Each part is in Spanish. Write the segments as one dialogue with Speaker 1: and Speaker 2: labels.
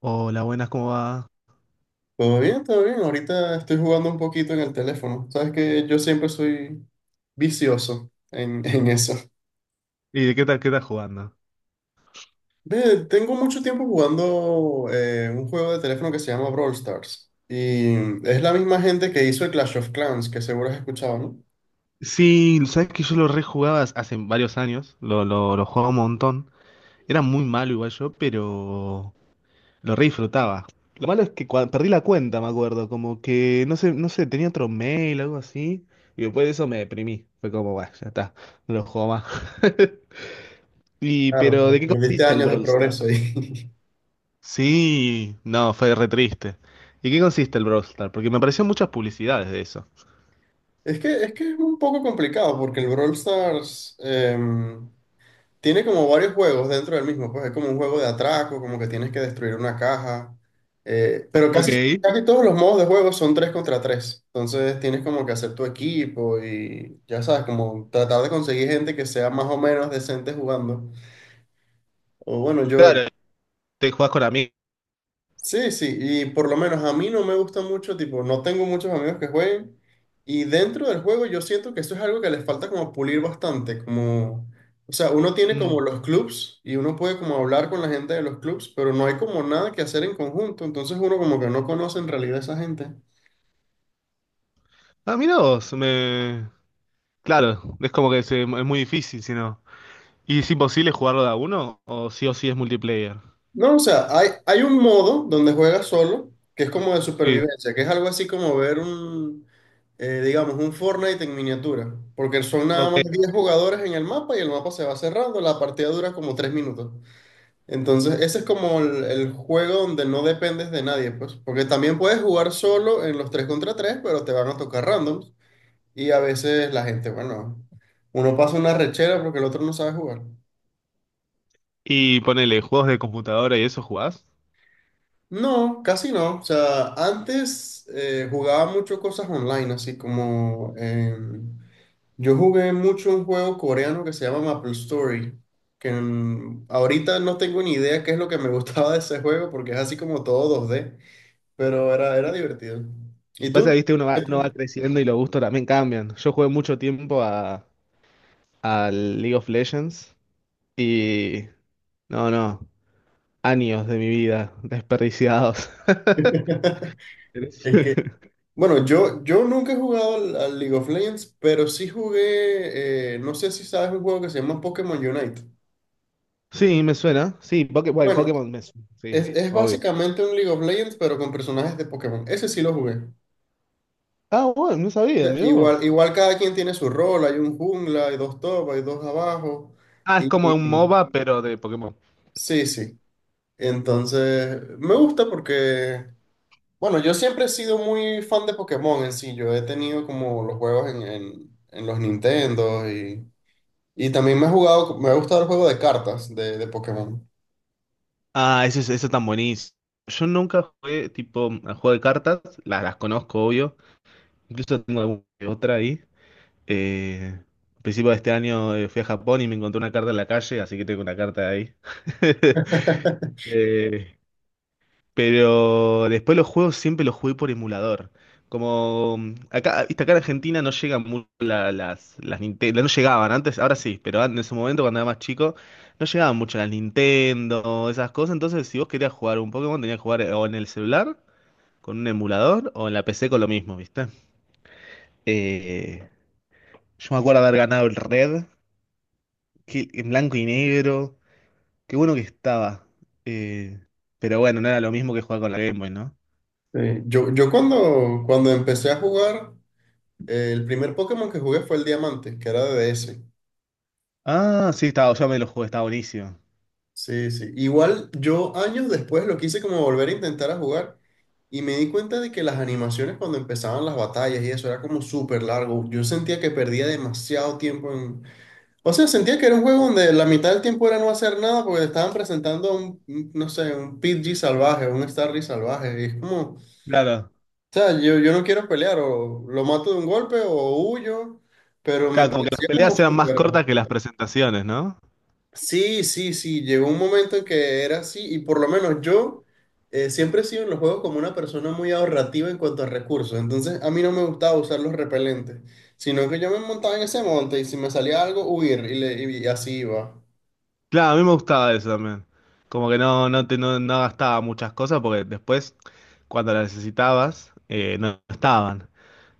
Speaker 1: Hola, buenas, ¿cómo va?
Speaker 2: Todo bien, todo bien. Ahorita estoy jugando un poquito en el teléfono. Sabes que yo siempre soy vicioso en, en eso.
Speaker 1: ¿Y de qué tal, qué estás jugando?
Speaker 2: Ve, tengo mucho tiempo jugando un juego de teléfono que se llama Brawl Stars. Y es la misma gente que hizo el Clash of Clans, que seguro has escuchado, ¿no?
Speaker 1: Sí, sabes que yo lo rejugaba hace varios años, lo jugaba un montón. Era muy malo igual yo, pero lo re disfrutaba. Lo malo es que perdí la cuenta, me acuerdo, como que no sé, tenía otro mail, algo así, y después de eso me deprimí. Fue como, bueno, ya está, no lo juego más.
Speaker 2: Claro, pero
Speaker 1: ¿De qué
Speaker 2: perdiste
Speaker 1: consiste el
Speaker 2: años de
Speaker 1: Brawl
Speaker 2: progreso
Speaker 1: Stars?
Speaker 2: ahí.
Speaker 1: Sí, no, fue re triste. ¿Y qué consiste el Brawl Stars? Porque me aparecieron muchas publicidades de eso.
Speaker 2: Es que es un poco complicado porque el Brawl Stars tiene como varios juegos dentro del mismo, pues es como un juego de atraco, como que tienes que destruir una caja, pero
Speaker 1: Ok,
Speaker 2: casi, casi todos los modos de juego son 3 contra tres, entonces tienes como que hacer tu equipo y ya sabes, como tratar de conseguir gente que sea más o menos decente jugando. O bueno, yo.
Speaker 1: claro, te jugás con amigos.
Speaker 2: Sí, sí, y por lo menos a mí no me gusta mucho, tipo, no tengo muchos amigos que jueguen y dentro del juego yo siento que eso es algo que les falta como pulir bastante, como, o sea, uno tiene como
Speaker 1: Mm,
Speaker 2: los clubs y uno puede como hablar con la gente de los clubs, pero no hay como nada que hacer en conjunto, entonces uno como que no conoce en realidad a esa gente.
Speaker 1: ah, mirá vos, claro, es como que es muy difícil, si no. ¿Y es imposible jugarlo de a uno? O sí es multiplayer?
Speaker 2: No, o sea, hay un modo donde juegas solo, que es como de
Speaker 1: Sí.
Speaker 2: supervivencia, que es algo así como ver digamos, un Fortnite en miniatura, porque son nada
Speaker 1: Ok.
Speaker 2: más 10 jugadores en el mapa y el mapa se va cerrando, la partida dura como 3 minutos. Entonces, ese es como el juego donde no dependes de nadie, pues, porque también puedes jugar solo en los 3 contra 3, pero te van a tocar randoms y a veces la gente, bueno, uno pasa una rechera porque el otro no sabe jugar.
Speaker 1: Y ponele, ¿juegos de computadora y eso jugás?
Speaker 2: No, casi no. O sea, antes jugaba mucho cosas online, así como yo jugué mucho un juego coreano que se llama Maple Story, que ahorita no tengo ni idea qué es lo que me gustaba de ese juego porque es así como todo 2D, pero era, era divertido. ¿Y
Speaker 1: Y
Speaker 2: tú?
Speaker 1: pasa que, viste,
Speaker 2: ¿Qué
Speaker 1: uno
Speaker 2: te-
Speaker 1: va creciendo y los gustos también cambian. Yo jugué mucho tiempo al League of Legends y... No, no. Años de mi vida desperdiciados.
Speaker 2: Es que, bueno, yo nunca he jugado al League of Legends, pero sí jugué, no sé si sabes un juego que se llama Pokémon Unite.
Speaker 1: Sí, me suena. Sí, bueno,
Speaker 2: Bueno,
Speaker 1: Pokémon me suena. Sí,
Speaker 2: es
Speaker 1: obvio.
Speaker 2: básicamente un League of Legends, pero con personajes de Pokémon. Ese sí lo jugué.
Speaker 1: Ah, bueno, no sabía,
Speaker 2: Ya,
Speaker 1: mirá
Speaker 2: igual,
Speaker 1: vos.
Speaker 2: igual cada quien tiene su rol. Hay un jungla, hay dos top, hay dos abajo.
Speaker 1: Ah, es
Speaker 2: Y
Speaker 1: como un MOBA, pero de Pokémon.
Speaker 2: sí, sí. Entonces, me gusta porque, bueno, yo siempre he sido muy fan de Pokémon en sí. Yo he tenido como los juegos en los Nintendo y también me he jugado, me ha gustado el juego de cartas de Pokémon.
Speaker 1: Ah, eso es tan buenísimo. Yo nunca jugué tipo a juego de cartas, las conozco, obvio. Incluso tengo alguna que otra ahí. Eh, Al principio de este año fui a Japón y me encontré una carta en la calle, así que tengo una carta ahí. Eh, Pero después los juegos siempre los jugué por emulador. Como acá, viste, acá en Argentina no llegan las Nintendo, no llegaban antes, ahora sí, pero en ese momento cuando era más chico, no llegaban mucho las Nintendo, esas cosas. Entonces, si vos querías jugar un Pokémon, tenías que jugar o en el celular, con un emulador, o en la PC con lo mismo, ¿viste? Eh, yo me acuerdo haber ganado el Red, en blanco y negro. Qué bueno que estaba. Eh, pero bueno, no era lo mismo que jugar con la Game Boy, ¿no?
Speaker 2: Sí, yo cuando, cuando empecé a jugar. El primer Pokémon que jugué fue el Diamante, que era de DS.
Speaker 1: Ah, sí, estaba, yo me lo jugué, estaba buenísimo.
Speaker 2: Sí, sí. Igual yo años después lo quise como volver a intentar a jugar y me di cuenta de que las animaciones cuando empezaban las batallas y eso era como súper largo. Yo sentía que perdía demasiado tiempo en... O sea, sentía que era un juego donde la mitad del tiempo era no hacer nada porque te estaban presentando no sé, un Pidgey salvaje, un Starry salvaje. Y es como, o
Speaker 1: Claro.
Speaker 2: sea, yo no quiero pelear, o lo mato de un golpe o huyo, pero me
Speaker 1: Claro, como que las
Speaker 2: parecía
Speaker 1: peleas
Speaker 2: como
Speaker 1: sean más
Speaker 2: súper...
Speaker 1: cortas que las presentaciones, ¿no?
Speaker 2: Sí, sí, sí, llegó un momento en que era así y por lo menos yo siempre he sido en los juegos como una persona muy ahorrativa en cuanto a recursos, entonces a mí no me gustaba usar los repelentes, sino que yo me montaba en ese monte y si me salía algo, huir y, y así iba.
Speaker 1: Claro, a mí me gustaba eso también. Como que no, no te, no, no gastaba muchas cosas porque después, cuando las necesitabas, no estaban.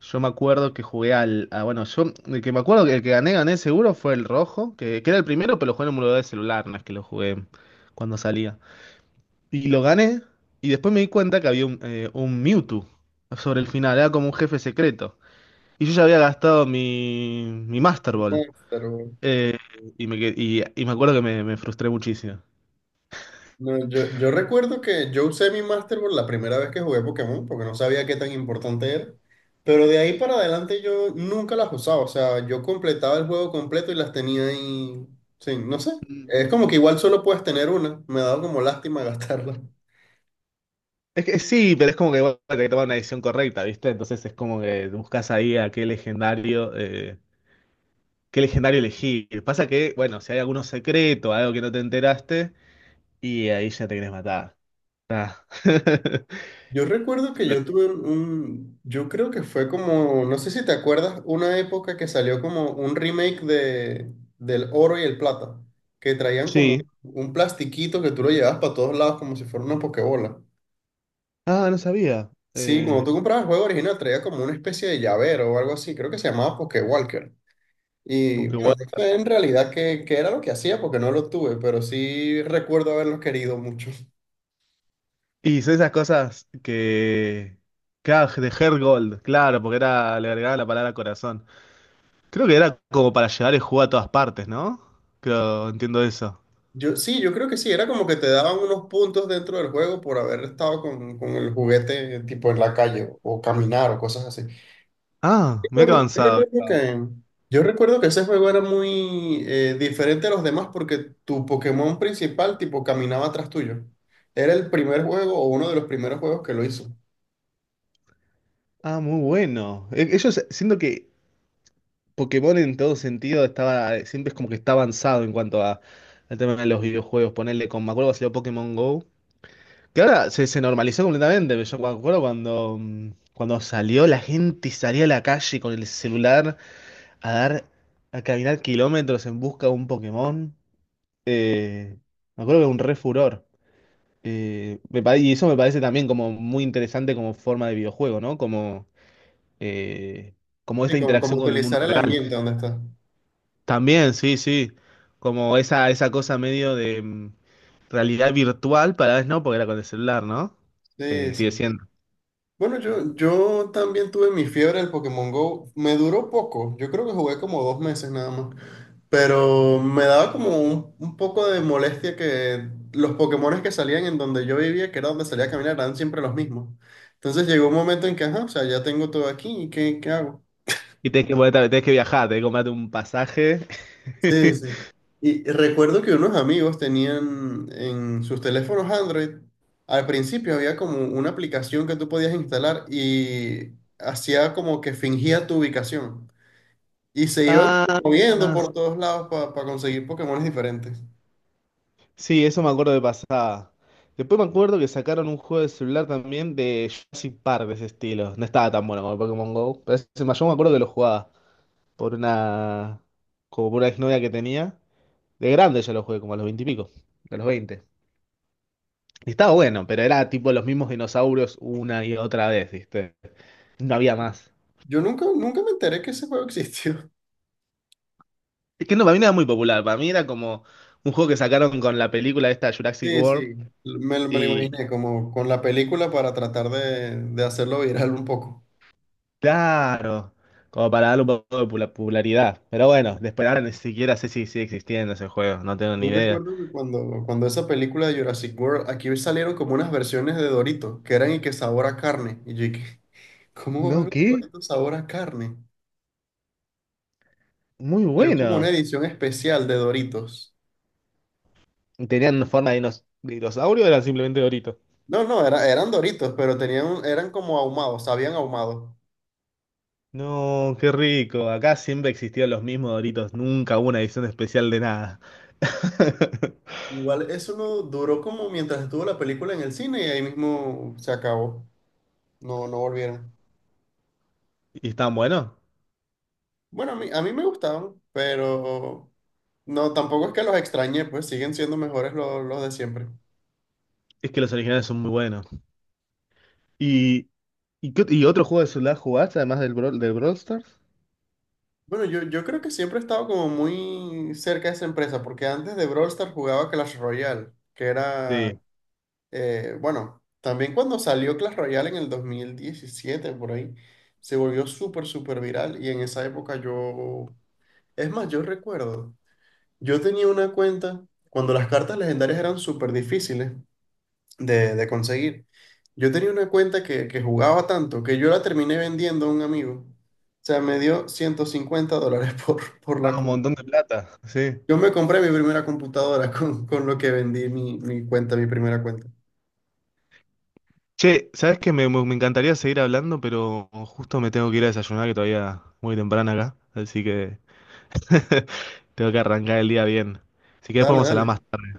Speaker 1: Yo me acuerdo que jugué bueno, yo. el que me acuerdo que el que gané seguro fue el rojo, que era el primero, pero lo jugué en un emulador de celular, no es que lo jugué cuando salía. Y lo gané, y después me di cuenta que había un Mewtwo sobre el final, era como un jefe secreto. Y yo ya había gastado mi Master Ball.
Speaker 2: Pero.
Speaker 1: Eh, y me acuerdo que me frustré muchísimo.
Speaker 2: No, yo recuerdo que yo usé mi Masterboard la primera vez que jugué Pokémon, porque no sabía qué tan importante era. Pero de ahí para adelante yo nunca las usaba. O sea, yo completaba el juego completo y las tenía ahí. Sí, no sé. Es como que igual solo puedes tener una. Me ha dado como lástima gastarla.
Speaker 1: Es que sí, pero es como que bueno, hay que tomar una decisión correcta, ¿viste? Entonces es como que buscas ahí a qué legendario elegir. Pasa que, bueno, si hay alguno secreto, algo que no te enteraste, y ahí ya te querés matar. Ah.
Speaker 2: Yo recuerdo que
Speaker 1: Lo-
Speaker 2: yo tuve yo creo que fue como, no sé si te acuerdas, una época que salió como un remake del Oro y el Plata, que traían
Speaker 1: Sí.
Speaker 2: como un plastiquito que tú lo llevabas para todos lados como si fuera una pokebola.
Speaker 1: Ah, no sabía.
Speaker 2: Sí, cuando tú comprabas el juego original traía como una especie de llavero o algo así, creo que se llamaba Pokewalker. Y
Speaker 1: Porque
Speaker 2: bueno,
Speaker 1: bueno.
Speaker 2: no sé en realidad qué era lo que hacía porque no lo tuve, pero sí recuerdo haberlo querido mucho.
Speaker 1: Y son esas cosas que. Que ah, de Heart gold claro, porque era, le agregaba la palabra corazón. Creo que era como para llevar el juego a todas partes, ¿no? Creo, entiendo eso.
Speaker 2: Yo, sí, yo creo que sí, era como que te daban unos puntos dentro del juego por haber estado con el juguete tipo en la calle o caminar o cosas así.
Speaker 1: Ah, mira que
Speaker 2: Recuerdo- yo
Speaker 1: avanzado.
Speaker 2: recuerdo que, yo recuerdo que ese juego era muy diferente a los demás porque tu Pokémon principal tipo caminaba atrás tuyo. Era el primer juego o uno de los primeros juegos que lo hizo.
Speaker 1: Ah, muy bueno. Ellos, siento que Pokémon en todo sentido estaba, siempre es como que está avanzado en cuanto a, al tema de los videojuegos. Ponerle con, me acuerdo que salió Pokémon Go. Que ahora se normalizó completamente. Pero yo me acuerdo cuando, cuando salió, la gente salía a la calle con el celular a a caminar kilómetros en busca de un Pokémon. Eh, Me acuerdo que era un re furor. Y eso me parece también como muy interesante como forma de videojuego, ¿no? Eh, Como
Speaker 2: Sí,
Speaker 1: esta
Speaker 2: como, como
Speaker 1: interacción con el mundo
Speaker 2: utilizar el
Speaker 1: real.
Speaker 2: ambiente donde estás.
Speaker 1: También, sí, sí. Como esa cosa medio de realidad virtual, para vez no, porque era con el celular, ¿no?
Speaker 2: Sí,
Speaker 1: Sigue
Speaker 2: sí.
Speaker 1: siendo.
Speaker 2: Bueno, yo también tuve mi fiebre del Pokémon Go. Me duró poco. Yo creo que jugué como 2 meses nada más. Pero me daba como un poco de molestia que los Pokémones que salían en donde yo vivía, que era donde salía a caminar, eran siempre los mismos. Entonces llegó un momento en que, ajá, o sea, ya tengo todo aquí, ¿y qué hago?
Speaker 1: Y tenés tenés que viajar, tenés que comprarte un pasaje.
Speaker 2: Sí, sí. Y recuerdo que unos amigos tenían en sus teléfonos Android, al principio había como una aplicación que tú podías instalar y hacía como que fingía tu ubicación. Y se iban
Speaker 1: Ah,
Speaker 2: moviendo por todos lados para conseguir Pokémones diferentes.
Speaker 1: sí, eso me acuerdo de pasada. Después me acuerdo que sacaron un juego de celular también de Jurassic Park de ese estilo. No estaba tan bueno como el Pokémon Go, pero yo me acuerdo que lo jugaba. por una, Como por una exnovia que tenía. De grande yo lo jugué, como a los 20 y pico, a los veinte. Y estaba bueno, pero era tipo los mismos dinosaurios una y otra vez, ¿viste? No había más.
Speaker 2: Yo nunca, nunca me enteré que ese juego existió.
Speaker 1: Es que no, para mí no era muy popular, para mí era como un juego que sacaron con la película esta Jurassic
Speaker 2: Sí,
Speaker 1: World
Speaker 2: sí, me lo
Speaker 1: y
Speaker 2: imaginé como con la película para tratar de hacerlo viral un poco.
Speaker 1: claro, como para darle un poco de popularidad. Pero bueno, después ahora ni siquiera sé si sigue existiendo ese juego, no tengo ni
Speaker 2: Yo
Speaker 1: idea.
Speaker 2: recuerdo que cuando esa película de Jurassic World, aquí salieron como unas versiones de Doritos, que eran y que sabor a carne. Y yo dije, ¿cómo va a
Speaker 1: No,
Speaker 2: haber un
Speaker 1: qué
Speaker 2: Doritos sabor a carne?
Speaker 1: muy
Speaker 2: Salió como una
Speaker 1: bueno.
Speaker 2: edición especial de Doritos.
Speaker 1: ¿Tenían forma de dinosaurio o eran simplemente doritos?
Speaker 2: No, no, era- eran Doritos, pero tenían, un- eran como ahumados, sabían ahumado.
Speaker 1: No, qué rico. Acá siempre existieron los mismos Doritos. Nunca hubo una edición especial de nada.
Speaker 2: Igual eso no duró como mientras estuvo la película en el cine y ahí mismo se acabó. No, no volvieron.
Speaker 1: ¿Y están buenos?
Speaker 2: Bueno, a mí me gustaban, pero no, tampoco es que los extrañé, pues siguen siendo mejores los de siempre.
Speaker 1: Es que los originales son muy buenos. ¿Y, y otro juego de celular jugaste además del Brawl Stars?
Speaker 2: Bueno, yo creo que siempre he estado como muy cerca de esa empresa, porque antes de Brawl Stars jugaba Clash Royale, que era,
Speaker 1: Sí.
Speaker 2: bueno, también cuando salió Clash Royale en el 2017 por ahí, se volvió súper, súper viral y en esa época yo, es más, yo recuerdo, yo tenía una cuenta cuando las cartas legendarias eran súper difíciles de conseguir. Yo tenía una cuenta que jugaba tanto que yo la terminé vendiendo a un amigo. O sea, me dio $150 por.
Speaker 1: Ah,
Speaker 2: La
Speaker 1: un montón de plata. Sí.
Speaker 2: yo me compré mi primera computadora con lo que vendí mi, mi cuenta, mi primera cuenta.
Speaker 1: Che, ¿sabes qué? Me encantaría seguir hablando, pero justo me tengo que ir a desayunar, que todavía muy temprano acá. Así que tengo que arrancar el día bien. Si querés
Speaker 2: Dale,
Speaker 1: podemos hablar
Speaker 2: dale.
Speaker 1: más tarde.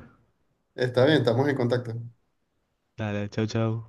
Speaker 2: Está bien, estamos en contacto.
Speaker 1: Dale, chau, chau.